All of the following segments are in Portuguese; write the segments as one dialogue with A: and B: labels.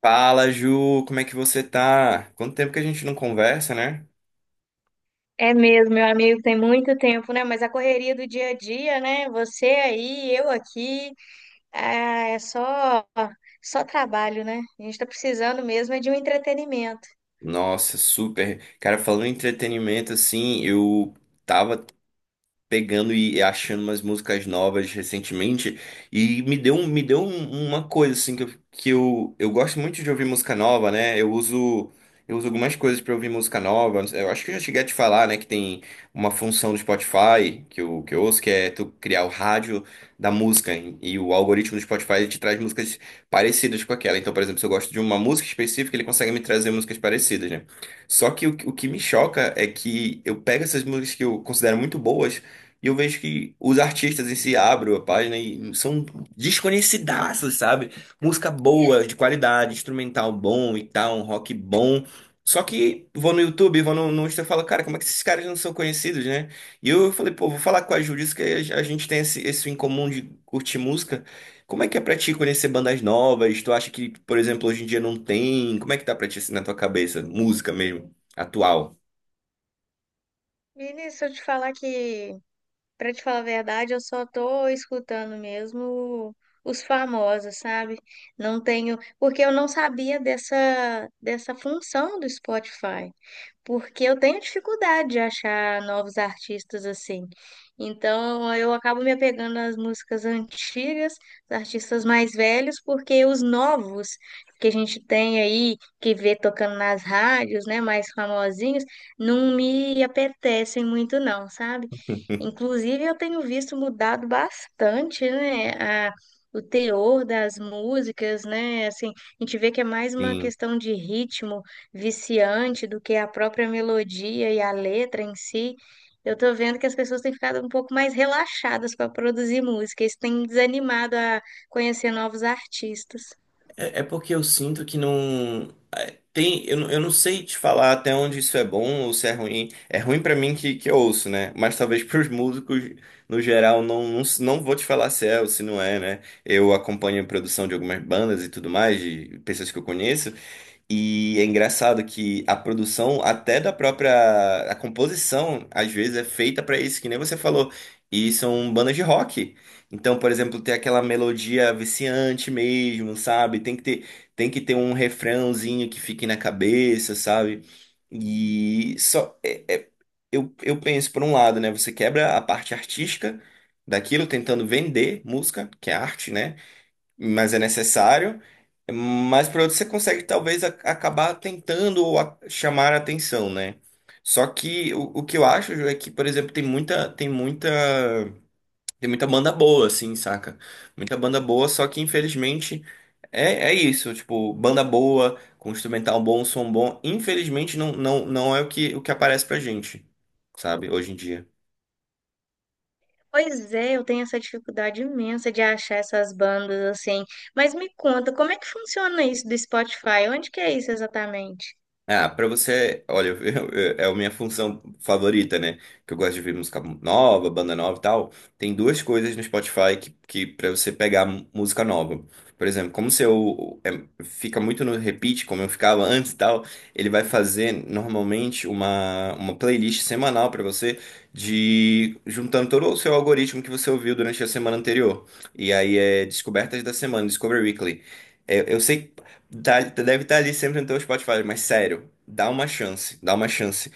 A: Fala, Ju, como é que você tá? Quanto tempo que a gente não conversa, né?
B: É mesmo, meu amigo, tem muito tempo, né? Mas a correria do dia a dia, né? Você aí, eu aqui, ah, é só só trabalho, né? A gente tá precisando mesmo é de um entretenimento.
A: Nossa, super. Cara, falando em entretenimento, assim, eu tava pegando e achando umas músicas novas recentemente e me deu, uma coisa assim que, eu gosto muito de ouvir música nova, né? Eu uso algumas coisas para ouvir música nova. Eu acho que eu já cheguei a te falar, né, que tem uma função do Spotify que eu, ouço, que é tu criar o rádio da música, e o algoritmo do Spotify ele te traz músicas parecidas com aquela. Então, por exemplo, se eu gosto de uma música específica, ele consegue me trazer músicas parecidas, né? Só que o que me choca é que eu pego essas músicas que eu considero muito boas e eu vejo que os artistas em si abrem a página e são desconhecidaços, sabe? Música boa, de qualidade, instrumental bom e tal, um rock bom. Só que vou no YouTube, vou no Insta e falo, cara, como é que esses caras não são conhecidos, né? E eu falei, pô, vou falar com a Júlia, isso que a gente tem esse em comum de curtir música. Como é que é pra ti conhecer bandas novas? Tu acha que, por exemplo, hoje em dia não tem? Como é que tá pra ti assim, na tua cabeça? Música mesmo, atual.
B: Vinícius, se eu te falar que, pra te falar a verdade, eu só tô escutando mesmo os famosos, sabe? Não tenho, porque eu não sabia dessa função do Spotify. Porque eu tenho dificuldade de achar novos artistas assim. Então eu acabo me apegando às músicas antigas, dos artistas mais velhos, porque os novos que a gente tem aí, que vê tocando nas rádios, né, mais famosinhos, não me apetecem muito não, sabe? Inclusive eu tenho visto mudado bastante, né, a- o teor das músicas, né? Assim, a gente vê que é mais uma
A: Sim.
B: questão de ritmo viciante do que a própria melodia e a letra em si, eu tô vendo que as pessoas têm ficado um pouco mais relaxadas para produzir música. Isso tem me desanimado a conhecer novos artistas.
A: É, é porque eu sinto que não. Tem, eu, eu não sei te falar até onde isso é bom ou se é ruim. É ruim pra mim que eu ouço, né? Mas talvez pros músicos, no geral, não vou te falar se é ou se não é, né? Eu acompanho a produção de algumas bandas e tudo mais, de pessoas que eu conheço. E é engraçado que a produção, até da própria, a composição, às vezes é feita pra isso, que nem você falou. E são bandas de rock. Então, por exemplo, tem aquela melodia viciante mesmo, sabe? Tem que ter um refrãozinho que fique na cabeça, sabe? E eu penso por um lado, né? Você quebra a parte artística daquilo, tentando vender música, que é arte, né? Mas é necessário. Mas por outro, você consegue talvez acabar tentando ou chamar a atenção, né? Só que o que eu acho, Ju, é que, por exemplo, tem muita banda boa, assim, saca? Muita banda boa, só que infelizmente é, é isso, tipo, banda boa, com instrumental bom, som bom, infelizmente não é o que aparece pra gente, sabe, hoje em dia.
B: Pois é, eu tenho essa dificuldade imensa de achar essas bandas assim. Mas me conta, como é que funciona isso do Spotify? Onde que é isso exatamente?
A: Ah, pra você, olha, é a minha função favorita, né? Que eu gosto de ouvir música nova, banda nova e tal. Tem duas coisas no Spotify que para você pegar música nova. Por exemplo, como se fica muito no repeat, como eu ficava antes e tal, ele vai fazer normalmente uma playlist semanal pra você, de juntando todo o seu algoritmo que você ouviu durante a semana anterior. E aí é Descobertas da Semana, Discover Weekly. É, eu sei. Deve estar ali sempre no teu Spotify, mas sério, dá uma chance, dá uma chance.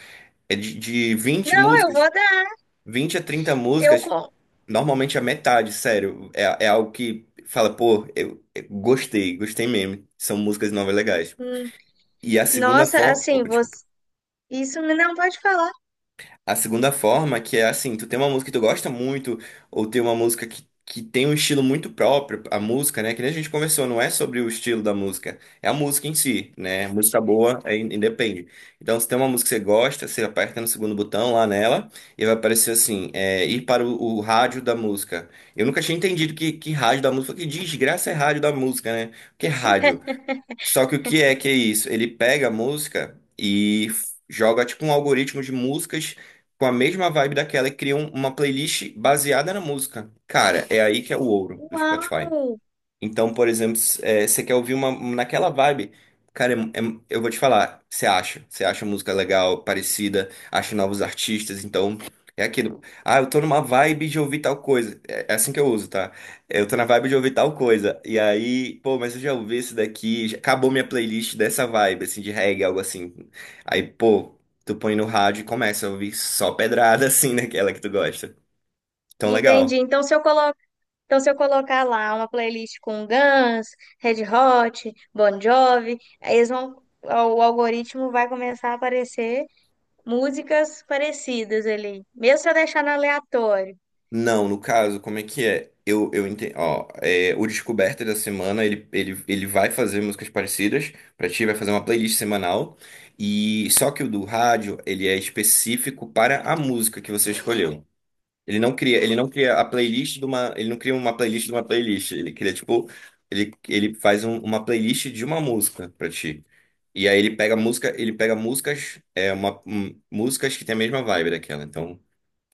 A: É de 20
B: Não, eu
A: músicas,
B: vou dar.
A: 20 a 30
B: Eu
A: músicas,
B: com.
A: normalmente a metade, sério. É, é algo que fala, pô, eu gostei, gostei mesmo. São músicas novas legais.
B: Hum.
A: E a segunda
B: Nossa,
A: forma.
B: assim, você... não pode falar.
A: A segunda forma, que é assim, tu tem uma música que tu gosta muito, ou tem uma música que tem um estilo muito próprio, a música, né? Que nem a gente conversou, não é sobre o estilo da música, é a música em si, né? Música boa é, independe. Então, se tem uma música que você gosta, você aperta no segundo botão lá nela, e vai aparecer assim, é, ir para o rádio da música. Eu nunca tinha entendido que rádio da música, que desgraça é rádio da música, né? O que é rádio? Só que o que é isso? Ele pega a música e joga tipo um algoritmo de músicas com a mesma vibe daquela e cria uma playlist baseada na música. Cara, é aí que é o ouro do
B: Uau!
A: Spotify. Então, por exemplo, você quer ouvir uma naquela vibe, cara, eu vou te falar, você acha, música legal, parecida, acha novos artistas, então é aquilo. Ah, eu tô numa vibe de ouvir tal coisa. É, é assim que eu uso, tá? Eu tô na vibe de ouvir tal coisa. E aí, pô, mas eu já ouvi esse daqui, já acabou minha playlist dessa vibe, assim, de reggae, algo assim. Aí, pô, tu põe no rádio e começa a ouvir só pedrada, assim, naquela que tu gosta. Então,
B: Entendi.
A: legal.
B: Então, se eu colocar lá uma playlist com Guns, Red Hot, Bon Jovi, aí eles vão, o algoritmo vai começar a aparecer músicas parecidas ali, mesmo se eu deixar no aleatório.
A: Não, no caso, como é que é? Eu entendi. Ó, é, o Descoberta da Semana, ele vai fazer músicas parecidas pra ti, vai fazer uma playlist semanal. E só que o do rádio, ele é específico para a música que você escolheu. Ele não cria a playlist de uma, ele não cria uma playlist de uma playlist. Ele cria, tipo, ele faz uma playlist de uma música pra ti. E aí ele pega músicas, é, uma, músicas que tem a mesma vibe daquela. Então,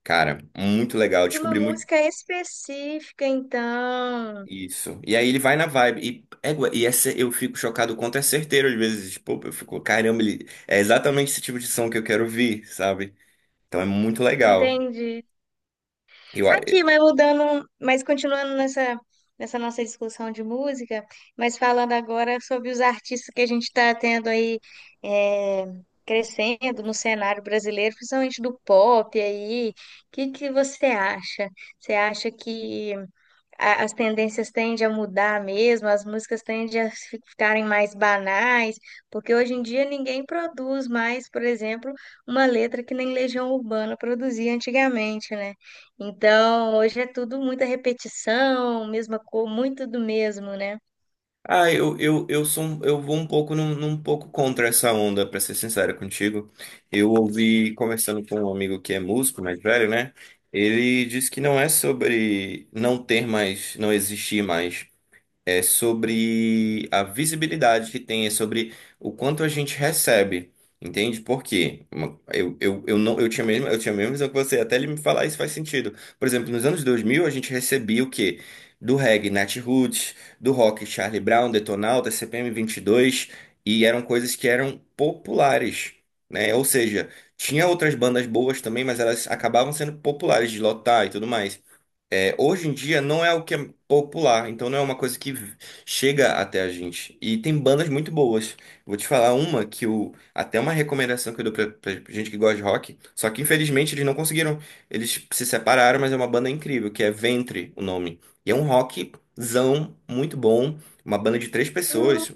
A: cara, muito legal.
B: De uma
A: Descobri muito.
B: música específica, então,
A: Isso. E aí ele vai na vibe. E, égua, e essa, eu fico chocado o quanto é certeiro às vezes. Tipo, eu fico, caramba, ele, é exatamente esse tipo de som que eu quero ouvir, sabe? Então é muito legal.
B: entendi.
A: Eu, a-
B: Aqui, mas mudando, mas continuando nessa nossa discussão de música, mas falando agora sobre os artistas que a gente está tendo aí, é, crescendo no cenário brasileiro, principalmente do pop aí, o que que você acha? Você acha que as tendências tendem a mudar mesmo, as músicas tendem a ficarem mais banais, porque hoje em dia ninguém produz mais, por exemplo, uma letra que nem Legião Urbana produzia antigamente, né? Então, hoje é tudo muita repetição, mesma cor, muito do mesmo, né?
A: ah, eu sou, eu vou um pouco num pouco contra essa onda, pra ser sincero contigo. Eu ouvi conversando com um amigo que é músico, mais velho, né? Ele disse que não é sobre não ter mais, não existir mais. É sobre a visibilidade que tem, é sobre o quanto a gente recebe. Entende? Por quê? Uma- eu não eu tinha mesmo, eu tinha a mesma visão que você, até ele me falar isso faz sentido. Por exemplo, nos anos 2000 a gente recebia o quê? Do reggae, Nat Roots, do rock Charlie Brown, Detonautas, CPM dois, e eram coisas que eram populares, né? Ou seja, tinha outras bandas boas também, mas elas acabavam sendo populares de lotar e tudo mais. É, hoje em dia não é o que é popular, então não é uma coisa que chega até a gente. E tem bandas muito boas. Vou te falar uma que eu, até uma recomendação que eu dou pra gente que gosta de rock, só que infelizmente eles não conseguiram, eles se separaram, mas é uma banda incrível, que é Ventre, o nome. E é um rockzão muito bom, uma banda de três
B: Hum,
A: pessoas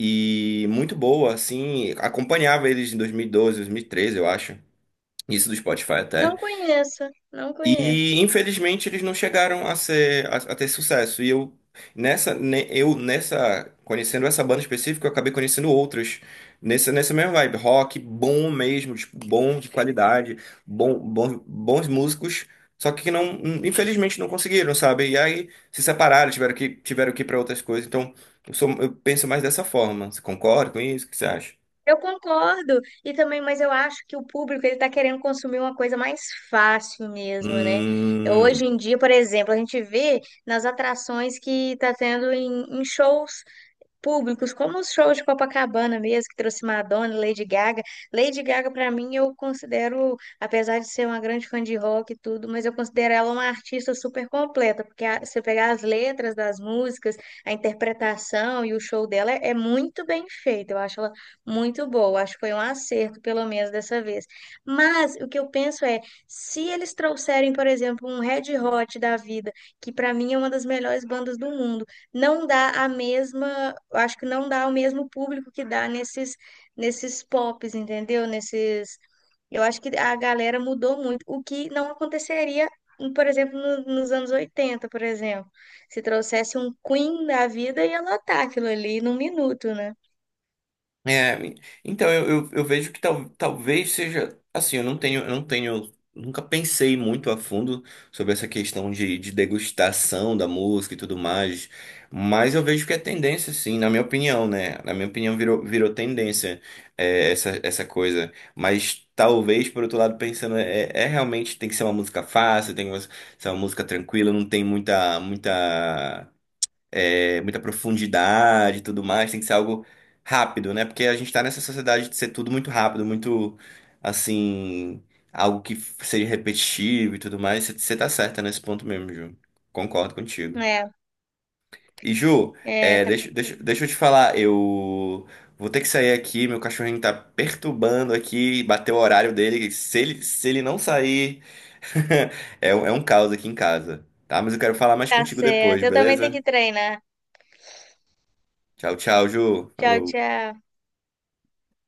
A: e muito boa, assim, acompanhava eles em 2012, 2013, eu acho. Isso do Spotify até.
B: não conheço, não conheço.
A: E infelizmente eles não chegaram a ter sucesso. E eu, nessa, conhecendo essa banda específica, eu acabei conhecendo outras nessa mesma vibe, rock bom mesmo, tipo, bom de qualidade, bom, bom bons músicos, só que não, infelizmente não conseguiram, sabe? E aí se separaram, tiveram que ir para outras coisas. Então, eu penso mais dessa forma. Você concorda com isso? O que você acha?
B: Eu concordo. E também, mas eu acho que o público ele está querendo consumir uma coisa mais fácil mesmo, né? Hoje
A: Hum.
B: em dia, por exemplo, a gente vê nas atrações que está tendo em, em shows públicos, como os shows de Copacabana mesmo, que trouxe Madonna, Lady Gaga. Lady Gaga, para mim, eu considero, apesar de ser uma grande fã de rock e tudo, mas eu considero ela uma artista super completa, porque se eu pegar as letras das músicas, a interpretação e o show dela é, é muito bem feito. Eu acho ela muito boa. Acho que foi um acerto, pelo menos dessa vez. Mas o que eu penso é, se eles trouxerem, por exemplo, um Red Hot da vida, que para mim é uma das melhores bandas do mundo, não dá a mesma, eu acho que não dá o mesmo público que dá nesses nesses pops, entendeu? Nesses, eu acho que a galera mudou muito, o que não aconteceria, por exemplo, nos anos 80, por exemplo. Se trouxesse um Queen da vida, ia lotar aquilo ali num minuto, né?
A: É, então eu vejo que tal, talvez seja assim, eu não tenho, nunca pensei muito a fundo sobre essa questão de, degustação da música e tudo mais, mas eu vejo que é tendência, sim, na minha opinião, né? Na minha opinião, virou tendência é, essa coisa. Mas talvez, por outro lado, pensando, é, é realmente tem que ser uma música fácil, tem que ser uma música tranquila, não tem muita é, muita profundidade e tudo mais, tem que ser algo rápido, né? Porque a gente tá nessa sociedade de ser tudo muito rápido, muito assim, algo que seja repetitivo e tudo mais. Você tá certa nesse ponto mesmo, Ju. Concordo contigo.
B: É,
A: E, Ju,
B: é,
A: é,
B: tá, complicado.
A: deixa eu te falar, eu vou ter que sair aqui, meu cachorrinho tá perturbando aqui, bateu o horário dele. Se ele não sair, é um caos aqui em casa, tá? Mas eu quero falar mais
B: Tá
A: contigo depois,
B: certo. Eu também tenho
A: beleza?
B: que treinar.
A: Tchau, tchau, Ju.
B: Tchau,
A: Falou.
B: tchau.